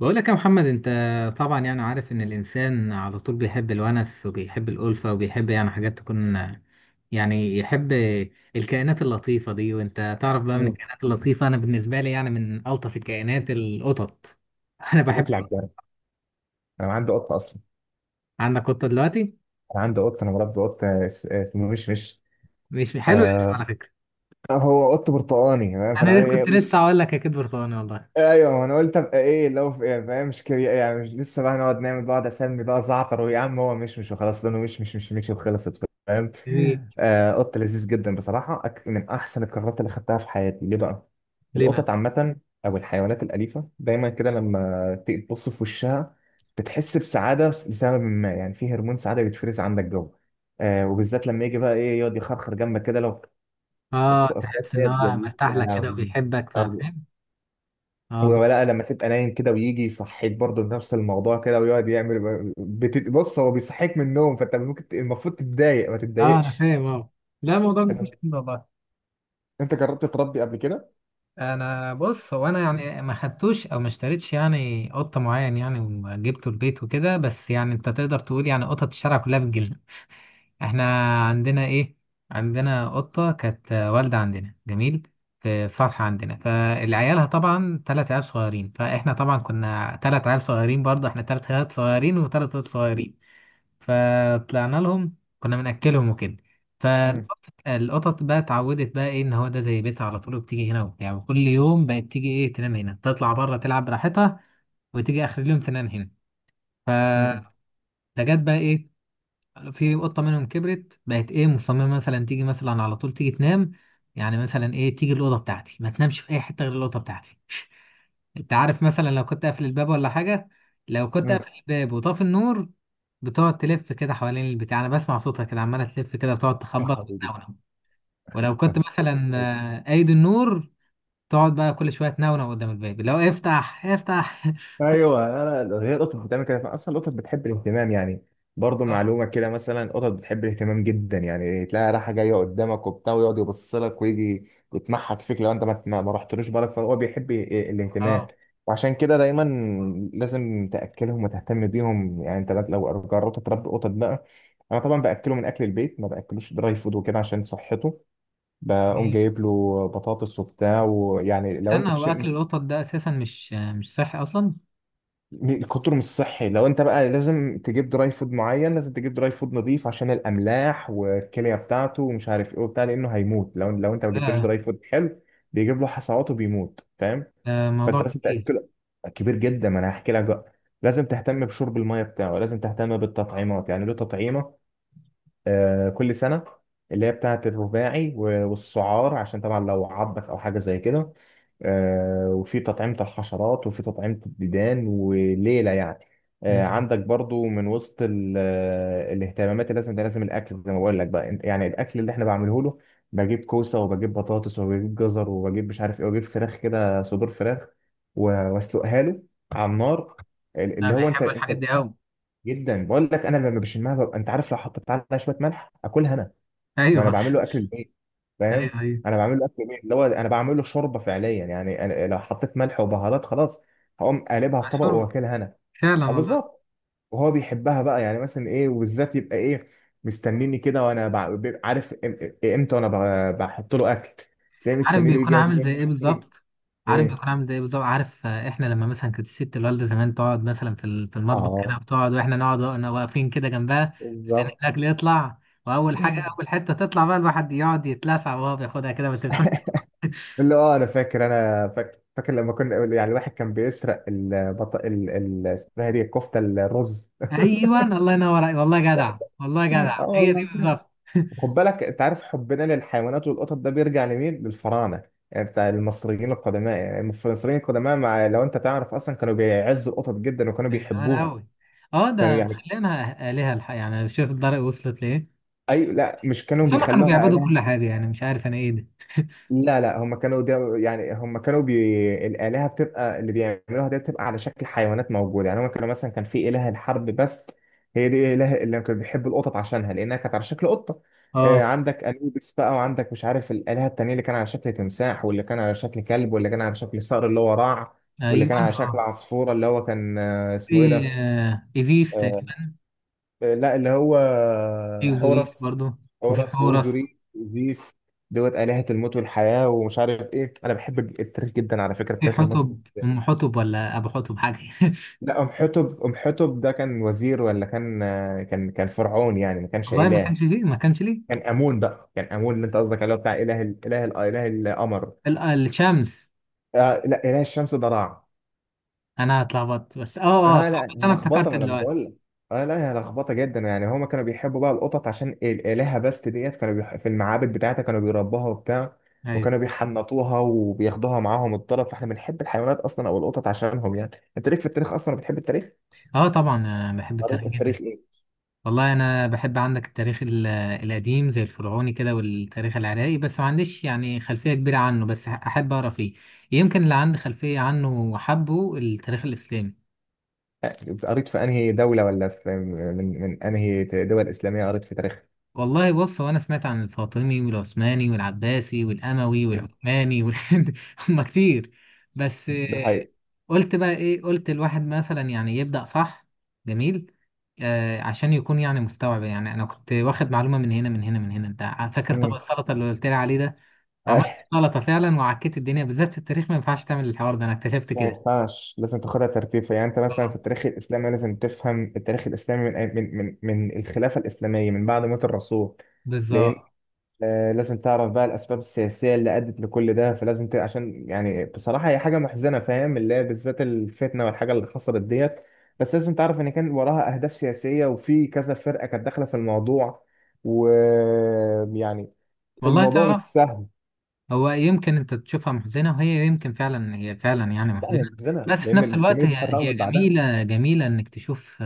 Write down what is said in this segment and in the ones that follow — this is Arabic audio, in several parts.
بقول لك يا محمد، انت طبعا يعني عارف ان الانسان على طول بيحب الونس وبيحب الالفه وبيحب يعني حاجات تكون يعني يحب الكائنات اللطيفه دي. وانت تعرف بقى من مم. الكائنات اللطيفه، انا بالنسبه لي يعني من الطف الكائنات القطط. انا انت جيت لي على بحب. الجرح. انا عندي قطه اصلا. عندك قطه دلوقتي؟ انا عندي قطه، انا مربي قطه اسمه مش مش حلو الالف آه. على فكره. هو قط برتقاني تمام، فانا انا كنت لسه هقول لك اكيد برتقاني والله. ايوه ما انا قلت ابقى ايه لو في إيه، فاهم، مش كري، يعني مش لسه بقى نقعد نعمل، بقعد اسمي بقى زعتر ويا عم هو مش وخلاص، لونه مش وخلصت، فاهم. جميل. آه، قط لذيذ جدا بصراحه، من احسن القرارات اللي خدتها في حياتي. ليه بقى؟ ليه بقى؟ القطط عامه او الحيوانات الاليفه دايما كده لما تيجي تبص في وشها بتحس بسعاده لسبب ما، يعني في هرمون سعاده بيتفرز عندك جوه. آه، وبالذات لما يجي بقى ايه يقعد يخرخر جنبك كده. لو بص، اه اصوات تحس ان ديت هو جميل مرتاح يا لك كده لهوي. وبيحبك، فاهم. اه بي- ولا لما تبقى نايم كده ويجي يصحيك برضه بنفس الموضوع كده ويقعد يعمل بص، هو بيصحيك من النوم، فانت ممكن المفروض تتضايق، ما اه انا تتضايقش. فاهم اه. لا الموضوع مفيش انت، كده والله. أنت جربت تربي قبل كده؟ انا بص، هو انا يعني ما خدتوش او ما اشتريتش يعني قطه معين يعني وجبته البيت وكده، بس يعني انت تقدر تقول يعني قطط الشارع كلها بتجيلنا احنا. عندنا ايه، عندنا قطه كانت والده عندنا، جميل، في السطح عندنا. فالعيالها طبعا ثلاث عيال صغيرين، فاحنا طبعا كنا ثلاث عيال صغيرين برضه، احنا ثلاث عيال صغيرين وثلاث قطط صغيرين. فطلعنا لهم، كنا بنأكلهم وكده. امم. فالقطط بقى اتعودت بقى ايه ان هو ده زي بيتها على طول، وبتيجي هنا وبتاع، وكل يوم بقت تيجي ايه تنام هنا، تطلع بره تلعب براحتها، وتيجي اخر اليوم تنام هنا. امم. فجت بقى ايه، في قطة منهم كبرت بقت ايه مصممة مثلا تيجي مثلا على طول تيجي تنام. يعني مثلا ايه تيجي الأوضة بتاعتي، ما تنامش في اي حتة غير الأوضة بتاعتي. انت عارف مثلا لو كنت قافل الباب ولا حاجة، لو كنت قافل الباب وطافي النور، بتقعد تلف كده حوالين البتاع، انا بسمع صوتها كده عمالة تلف كده، بتقعد يا تخبط حبيبي. وتنونو. ولو كنت مثلا قايد النور، تقعد بقى كل شوية تنونو قدام الباب، لو افتح افتح كل- ايوه، لا، لا، هي القطط بتعمل كده اصلا، القطط بتحب الاهتمام يعني. برضه اه معلومه كده، مثلا القطط بتحب الاهتمام جدا، يعني تلاقي رايحه جايه قدامك وبتاع ويقعد يبص لك ويجي يتمحك فيك لو انت ما رحتلوش بالك، فهو بيحب الاهتمام. اه. وعشان كده دايما لازم تاكلهم وتهتم بيهم، يعني انت بقى لو جربت تربي قطط بقى. انا طبعا باكله من اكل البيت، ما باكلوش دراي فود وكده عشان صحته. بقوم جميل. جايب له بطاطس وبتاع، ويعني لو استنى، انت، هو اكل القطط ده اساسا مش مش صحي اصلا. الكتر مش صحي. لو انت بقى لازم تجيب دراي فود معين، لازم تجيب دراي فود نظيف عشان الاملاح والكليه بتاعته ومش عارف ايه وبتاع، لانه هيموت لو انت ما جبتلوش لا دراي فود حلو، بيجيب له حصوات وبيموت، فاهم. ده موضوع فانت لازم كبير. تاكله، كبير جدا. ما انا هحكي لك بقى، لازم تهتم بشرب الميه بتاعه، لازم تهتم بالتطعيمات. يعني له تطعيمه آه، كل سنة، اللي هي بتاعة الرباعي والسعار عشان طبعا لو عضك أو حاجة زي كده. آه، وفي تطعيمة الحشرات وفي تطعيمة الديدان وليلة يعني. آه، مم. عندك برضو من وسط الاهتمامات اللي لازم، ده لازم الأكل زي ما بقول لك بقى. يعني الأكل اللي احنا بعمله له، بجيب كوسة وبجيب بطاطس وبجيب جزر وبجيب مش عارف ايه وبجيب فراخ كده، صدور فراخ واسلقها له على النار انا اللي هو انت. بيحبوا الحاجات دي قوي. جدا، بقول لك انا لما بشمها ببقى، انت عارف لو حطيت عليها شويه ملح اكلها انا. ما انا ايوه. بعمل له اكل البيت، فاهم. ايوه ايوه. انا بعمل له اكل البيت اللي هو انا بعمل له شوربه فعليا، يعني أنا لو حطيت ملح وبهارات خلاص هقوم قالبها في طبق مشهور واكلها انا. فعلا اه، والله. بالظبط. وهو بيحبها بقى، يعني مثلا ايه، وبالذات يبقى ايه مستنيني كده. وانا بيبقى عارف امتى وانا بحط له اكل، تلاقيه عارف مستنيني يجي بيكون يقعد عامل زي ياكل ايه حتى رجل. بالظبط. عارف ايه، بيكون عامل زي ايه بالظبط، عارف احنا لما مثلا كانت الست الوالده زمان تقعد مثلا في في المطبخ كده، اه بتقعد واحنا نقعد واحنا واقفين كده جنبها، تفتح بالظبط. الاكل يطلع، واول حاجه اول حته تطلع بقى الواحد يقعد يتلسع وهو بياخدها كده، بس بتكون حلوة. اللي، اه، انا فاكر، انا فاكر لما كنا، يعني الواحد كان بيسرق اسمها إيه دي، الكفته الرز. ايوه الله ينور عليك. والله جدع، والله جدع، اه هي دي والله. بالظبط خد بالك انت، عارف حبنا للحيوانات والقطط ده بيرجع لمين؟ للفراعنه. يعني بتاع المصريين القدماء، يعني المصريين القدماء مع، لو انت تعرف اصلا كانوا بيعزوا القطط جدا وكانوا من زمان بيحبوها. قوي. اه كانوا ده يعني، خلينا آلهة الحق، يعني شوف الدرجة وصلت ليه. اي لا، مش كانوا بس هما كانوا بيخلوها بيعبدوا آلهة. كل حاجة يعني، مش عارف انا ايه ده. لا، لا، هم كانوا ده، يعني هم كانوا الآلهة بتبقى اللي بيعملوها دي بتبقى على شكل حيوانات موجودة. يعني هم كانوا مثلا كان في إله الحرب بس، هي دي إله اللي كانوا بيحبوا القطط عشانها لأنها كانت على شكل قطة. آه، اه عندك أنوبيس بقى، وعندك مش عارف الآلهة التانية اللي كان على شكل تمساح، واللي كان على شكل كلب، واللي كان على شكل صقر اللي هو راع، واللي ايوه كان على شكل اه. عصفورة اللي هو كان، آه، اسمه إيه في ده. إيزيس آه، تقريبا. آه، لا اللي هو في أوزوريس حورس. برضو. وفي حورس حورس. وأوزوريت وزيف دوت، آلهة الموت والحياة ومش عارف ايه. انا بحب التاريخ جدا على فكرة، في التاريخ المصري. حتب أم حتب ولا أبو حتب حاجة لا، ام حتب، ام حتب ده كان وزير ولا كان آه، كان فرعون، يعني ما كانش والله ما إله. كانش فيه، ما كانش ليه. كان آمون بقى، كان آمون اللي انت قصدك عليه، بتاع إله إله إله القمر. الشمس. آه لا، إله الشمس ده راع. أنا اتلخبطت بس، أه أه اه لا صح، بس هي أنا افتكرت لخبطه، ما انا دلوقتي. بقول لك. اه لا هي لخبطه جدا. يعني هما كانوا بيحبوا بقى القطط عشان الهه. بس ديت كانوا في المعابد بتاعتها كانوا بيربوها وبتاع، أيوه. وكانوا بيحنطوها وبياخدوها معاهم الطرف. فاحنا بنحب الحيوانات اصلا او القطط عشانهم يعني. انت ليك في التاريخ اصلا، بتحب التاريخ؟ أه طبعا أنا بحب قريت التاريخ في جدا. التاريخ ايه؟ والله أنا بحب، عندك التاريخ القديم زي الفرعوني كده، والتاريخ العراقي بس ما عنديش يعني خلفية كبيرة عنه، بس أحب أقرأ فيه. يمكن اللي عندي خلفية عنه وحبه التاريخ الإسلامي. آه، قريت في انهي دوله، ولا في من، من انهي دول اسلاميه قريت في تاريخ؟ والله بص، هو انا سمعت عن الفاطمي والعثماني والعباسي والاموي مم. والعثماني وال... هم كتير. بس ده حقيقي. قلت بقى ايه، قلت الواحد مثلا يعني يبدأ صح. جميل. آه عشان يكون يعني مستوعب، يعني انا كنت واخد معلومة من هنا من هنا من هنا. انت فاكر طبق مم. السلطة اللي قلت لي عليه ده؟ عملت سلطة فعلا وعكيت الدنيا. بالذات في التاريخ ما ينفعش تعمل الحوار ده، انا اكتشفت ما كده. ينفعش، لازم تاخدها ترتيب. يعني انت مثلا في اه التاريخ الاسلامي لازم تفهم التاريخ الاسلامي من الخلافه الاسلاميه من بعد موت الرسول. لان بالظبط. آه، لازم تعرف بقى الاسباب السياسيه اللي ادت لكل ده. فلازم عشان يعني بصراحه هي حاجه محزنه، فاهم، اللي هي بالذات الفتنه والحاجه اللي حصلت ديت. بس لازم تعرف ان كان وراها اهداف سياسيه، وفي كذا فرقه كانت داخله في الموضوع. ويعني والله الموضوع مش تعرف. سهل. هو يمكن انت تشوفها محزنة، وهي يمكن فعلا هي فعلا يعني لا، هي محزنة. محزنه بس في لان نفس الوقت المسلمين هي اتفرقوا هي من بعدها. جميلة جميلة انك تشوف،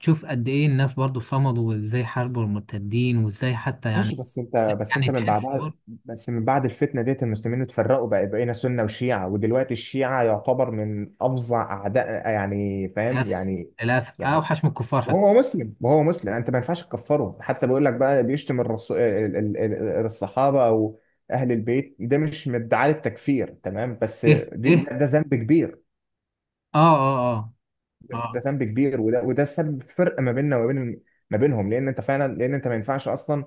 تشوف قد ايه الناس برضو صمدوا، وازاي حاربوا المرتدين، وازاي حتى ماشي، يعني. بس انت، بس يعني انت من تحس بعدها، برضو، بس من بعد الفتنه ديت المسلمين اتفرقوا بقى، بقينا سنه وشيعه، ودلوقتي الشيعه يعتبر من افظع اعداء، يعني فاهم للأسف، يعني. للأسف يعني اوحش من الكفار حتى. وهو مسلم، وهو مسلم، يعني انت ما ينفعش تكفره. حتى بيقول لك بقى، بيشتم الرسو... ال- ال- ال- الصحابه او اهل البيت. ده مش من ادعاء التكفير تمام، بس ايه ايه. ده ذنب كبير. اه اه اه. ده اه. ذنب كبير، وده سبب فرق ما بيننا وما بين، ما بينهم. لان انت فعلا، لان انت ما ينفعش اصلا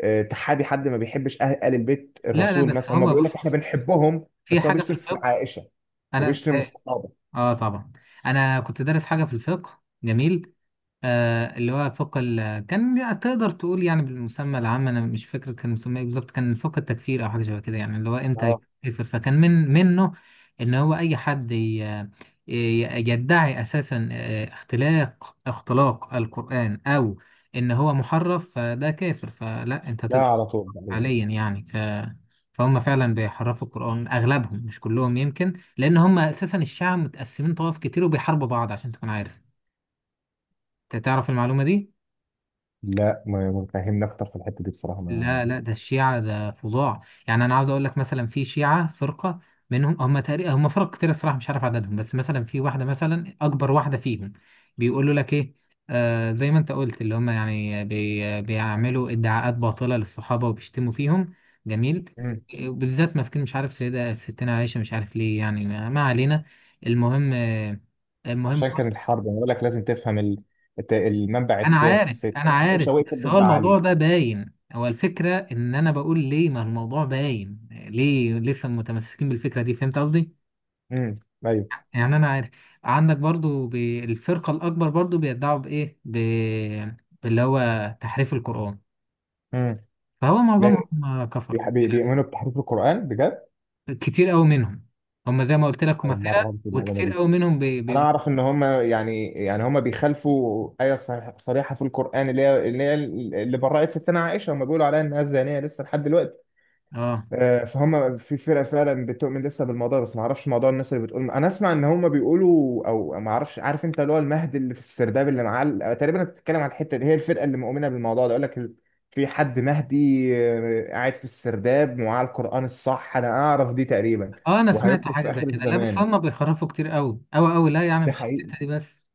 آه، تحابي حد ما بيحبش اهل آل البيت لا لا، الرسول. بس مثلا هم هما بيقول بص لك احنا بص، بنحبهم، في بس هو حاجة في بيشتم في الفقه. عائشه انا وبيشتم اه. الصحابه. طبعا انا كنت دارس حاجة في الفقه جميل. آه، اللي هو فوق كان تقدر تقول يعني بالمسمى العام، انا مش فاكر كان مسمى ايه بالظبط، كان فوق التكفير او حاجه شبه كده، يعني اللي هو امتى اه يكفر، فكان من منه ان هو اي حد يدعي اساسا اختلاق اختلاق القران او ان هو محرف، فده كافر، فلا انت لا، تقدر على طول تقريبا. حاليا يعني فهم فعلا بيحرفوا القران اغلبهم مش كلهم يمكن، لان هم اساسا الشعب متقسمين طوائف كتير وبيحاربوا بعض، عشان تكون عارف. انت تعرف المعلومه دي؟ لا، ما، ما فهمني اكتر في الحته دي بصراحه ما. لا لا، ده الشيعة ده فظاع. يعني أنا عاوز أقول لك مثلا في شيعة فرقة منهم، هم تقريبا هم فرق كتير الصراحة مش عارف عددهم، بس مثلا في واحدة مثلا أكبر واحدة فيهم بيقولوا لك إيه، آه زي ما أنت قلت اللي هم يعني بيعملوا ادعاءات باطلة للصحابة وبيشتموا فيهم. جميل. مم. بالذات ماسكين مش عارف سيدة ستنا عائشة، مش عارف ليه يعني ما علينا. المهم المهم عشان كان الحرب، انا بقول لك لازم تفهم المنبع انا عارف السياسي. الست انا عائشه عارف، وقفت بس هو ضد الموضوع علي. ده باين، هو الفكرة ان انا بقول ليه ما الموضوع باين ليه لسه متمسكين بالفكرة دي، فهمت قصدي. امم. ايوه. يعني انا عارف عندك برضو بالفرقة الاكبر برضو بيدعوا بايه باللي هو تحريف القرآن. امم. فهو لا، معظمهم كفر. بيؤمنوا بتحريف القران بجد. كتير قوي منهم، هم زي ما قلت لك هم اول مره فرق اعرف المعلومه وكتير دي. قوي منهم انا اعرف ان هم يعني، يعني هم بيخالفوا ايه صريحه في القران، اللي هي اللي برأت ستنا عائشه، هم بيقولوا عليها انها زانيه لسه لحد دلوقتي. اه آه، فهم في فرقه فعلا بتؤمن لسه بالموضوع. بس ما اعرفش موضوع الناس اللي بتقول، انا اسمع ان هم بيقولوا، او ما اعرفش، عارف انت اللي هو المهد اللي في السرداب اللي معاه تقريبا انت بتتكلم عن الحته دي، هي الفرقه اللي مؤمنه بالموضوع ده، يقول لك في حد مهدي آه، قاعد في السرداب ومعاه القران الصح، انا اعرف دي تقريبا، اه انا سمعت وهيخرج حاجة في زي اخر كده. لا بس الزمان. هم بيخرفوا كتير قوي قوي قوي، لا يعني ده مش الحتة دي بس،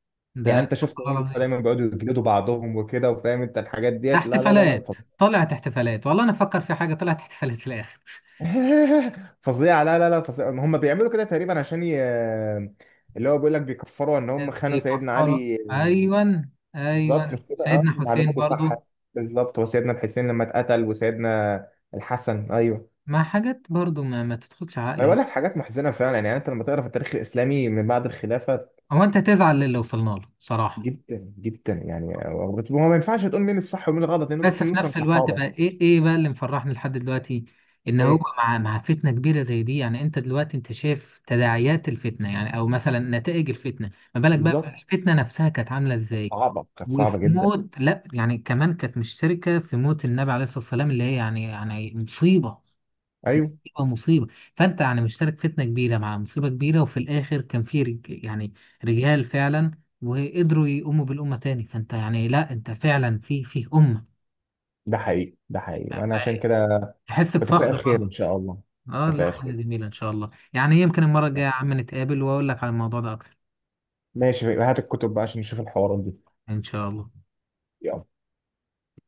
يعني انت ده شفت، خلاص. هم دايما بيقعدوا يجلدوا بعضهم وكده، وفاهم انت الحاجات ديت. لا، لا، لا، لا، احتفالات طلعت احتفالات، والله انا افكر في حاجه طلعت احتفالات في الاخر فظيعه. لا، لا، لا، فظيعه، هم بيعملوا كده تقريبا عشان اللي هو بيقول لك بيكفروا ان هم خانوا في سيدنا كفاره، علي. ايوه بالظبط، ايوه. مش كده، سيدنا اه حسين معلوماتي صح. برضو بالظبط، وسيدنا الحسين لما اتقتل، وسيدنا الحسن. ايوه، مع حاجات برضو ما تدخلش انا عقلي. بقول لك حاجات محزنه فعلا. يعني انت لما تقرا في التاريخ الاسلامي من بعد الخلافه، هو انت تزعل للي وصلنا له صراحه. جدا جدا. يعني هو ما ينفعش تقول مين الصح ومين الغلط، لان بس دول في كلهم كانوا نفس الوقت صحابه. بقى ايه، ايه بقى اللي مفرحني لحد دلوقتي، ان هو ايه مع فتنه كبيره زي دي، يعني انت دلوقتي انت شايف تداعيات الفتنه يعني او مثلا نتائج الفتنه، ما بالك بقى بالظبط. الفتنه نفسها كانت عامله كانت ازاي. صعبة، كانت وفي صعبة جدا. موت لا، يعني كمان كانت مشتركة في موت النبي عليه الصلاة والسلام، اللي هي يعني يعني مصيبة أيوه. مصيبة مصيبة. فأنت يعني مشترك فتنة كبيرة مع مصيبة كبيرة، وفي الآخر كان في يعني رجال فعلا، وقدروا يقوموا بالأمة تاني. فأنت يعني لا، أنت فعلا في أمة ده حقيقي، ده حقيقي. أنا عشان كده تحس بفخر بتفائل خير برضه. إن شاء الله. اه لا بتفائل حاجة خير. جميلة إن شاء الله، يعني يمكن المرة الجاية يا عم نتقابل وأقول لك على الموضوع ده أكتر. ماشي، هات الكتب بقى عشان نشوف الحوارات دي. إن شاء الله.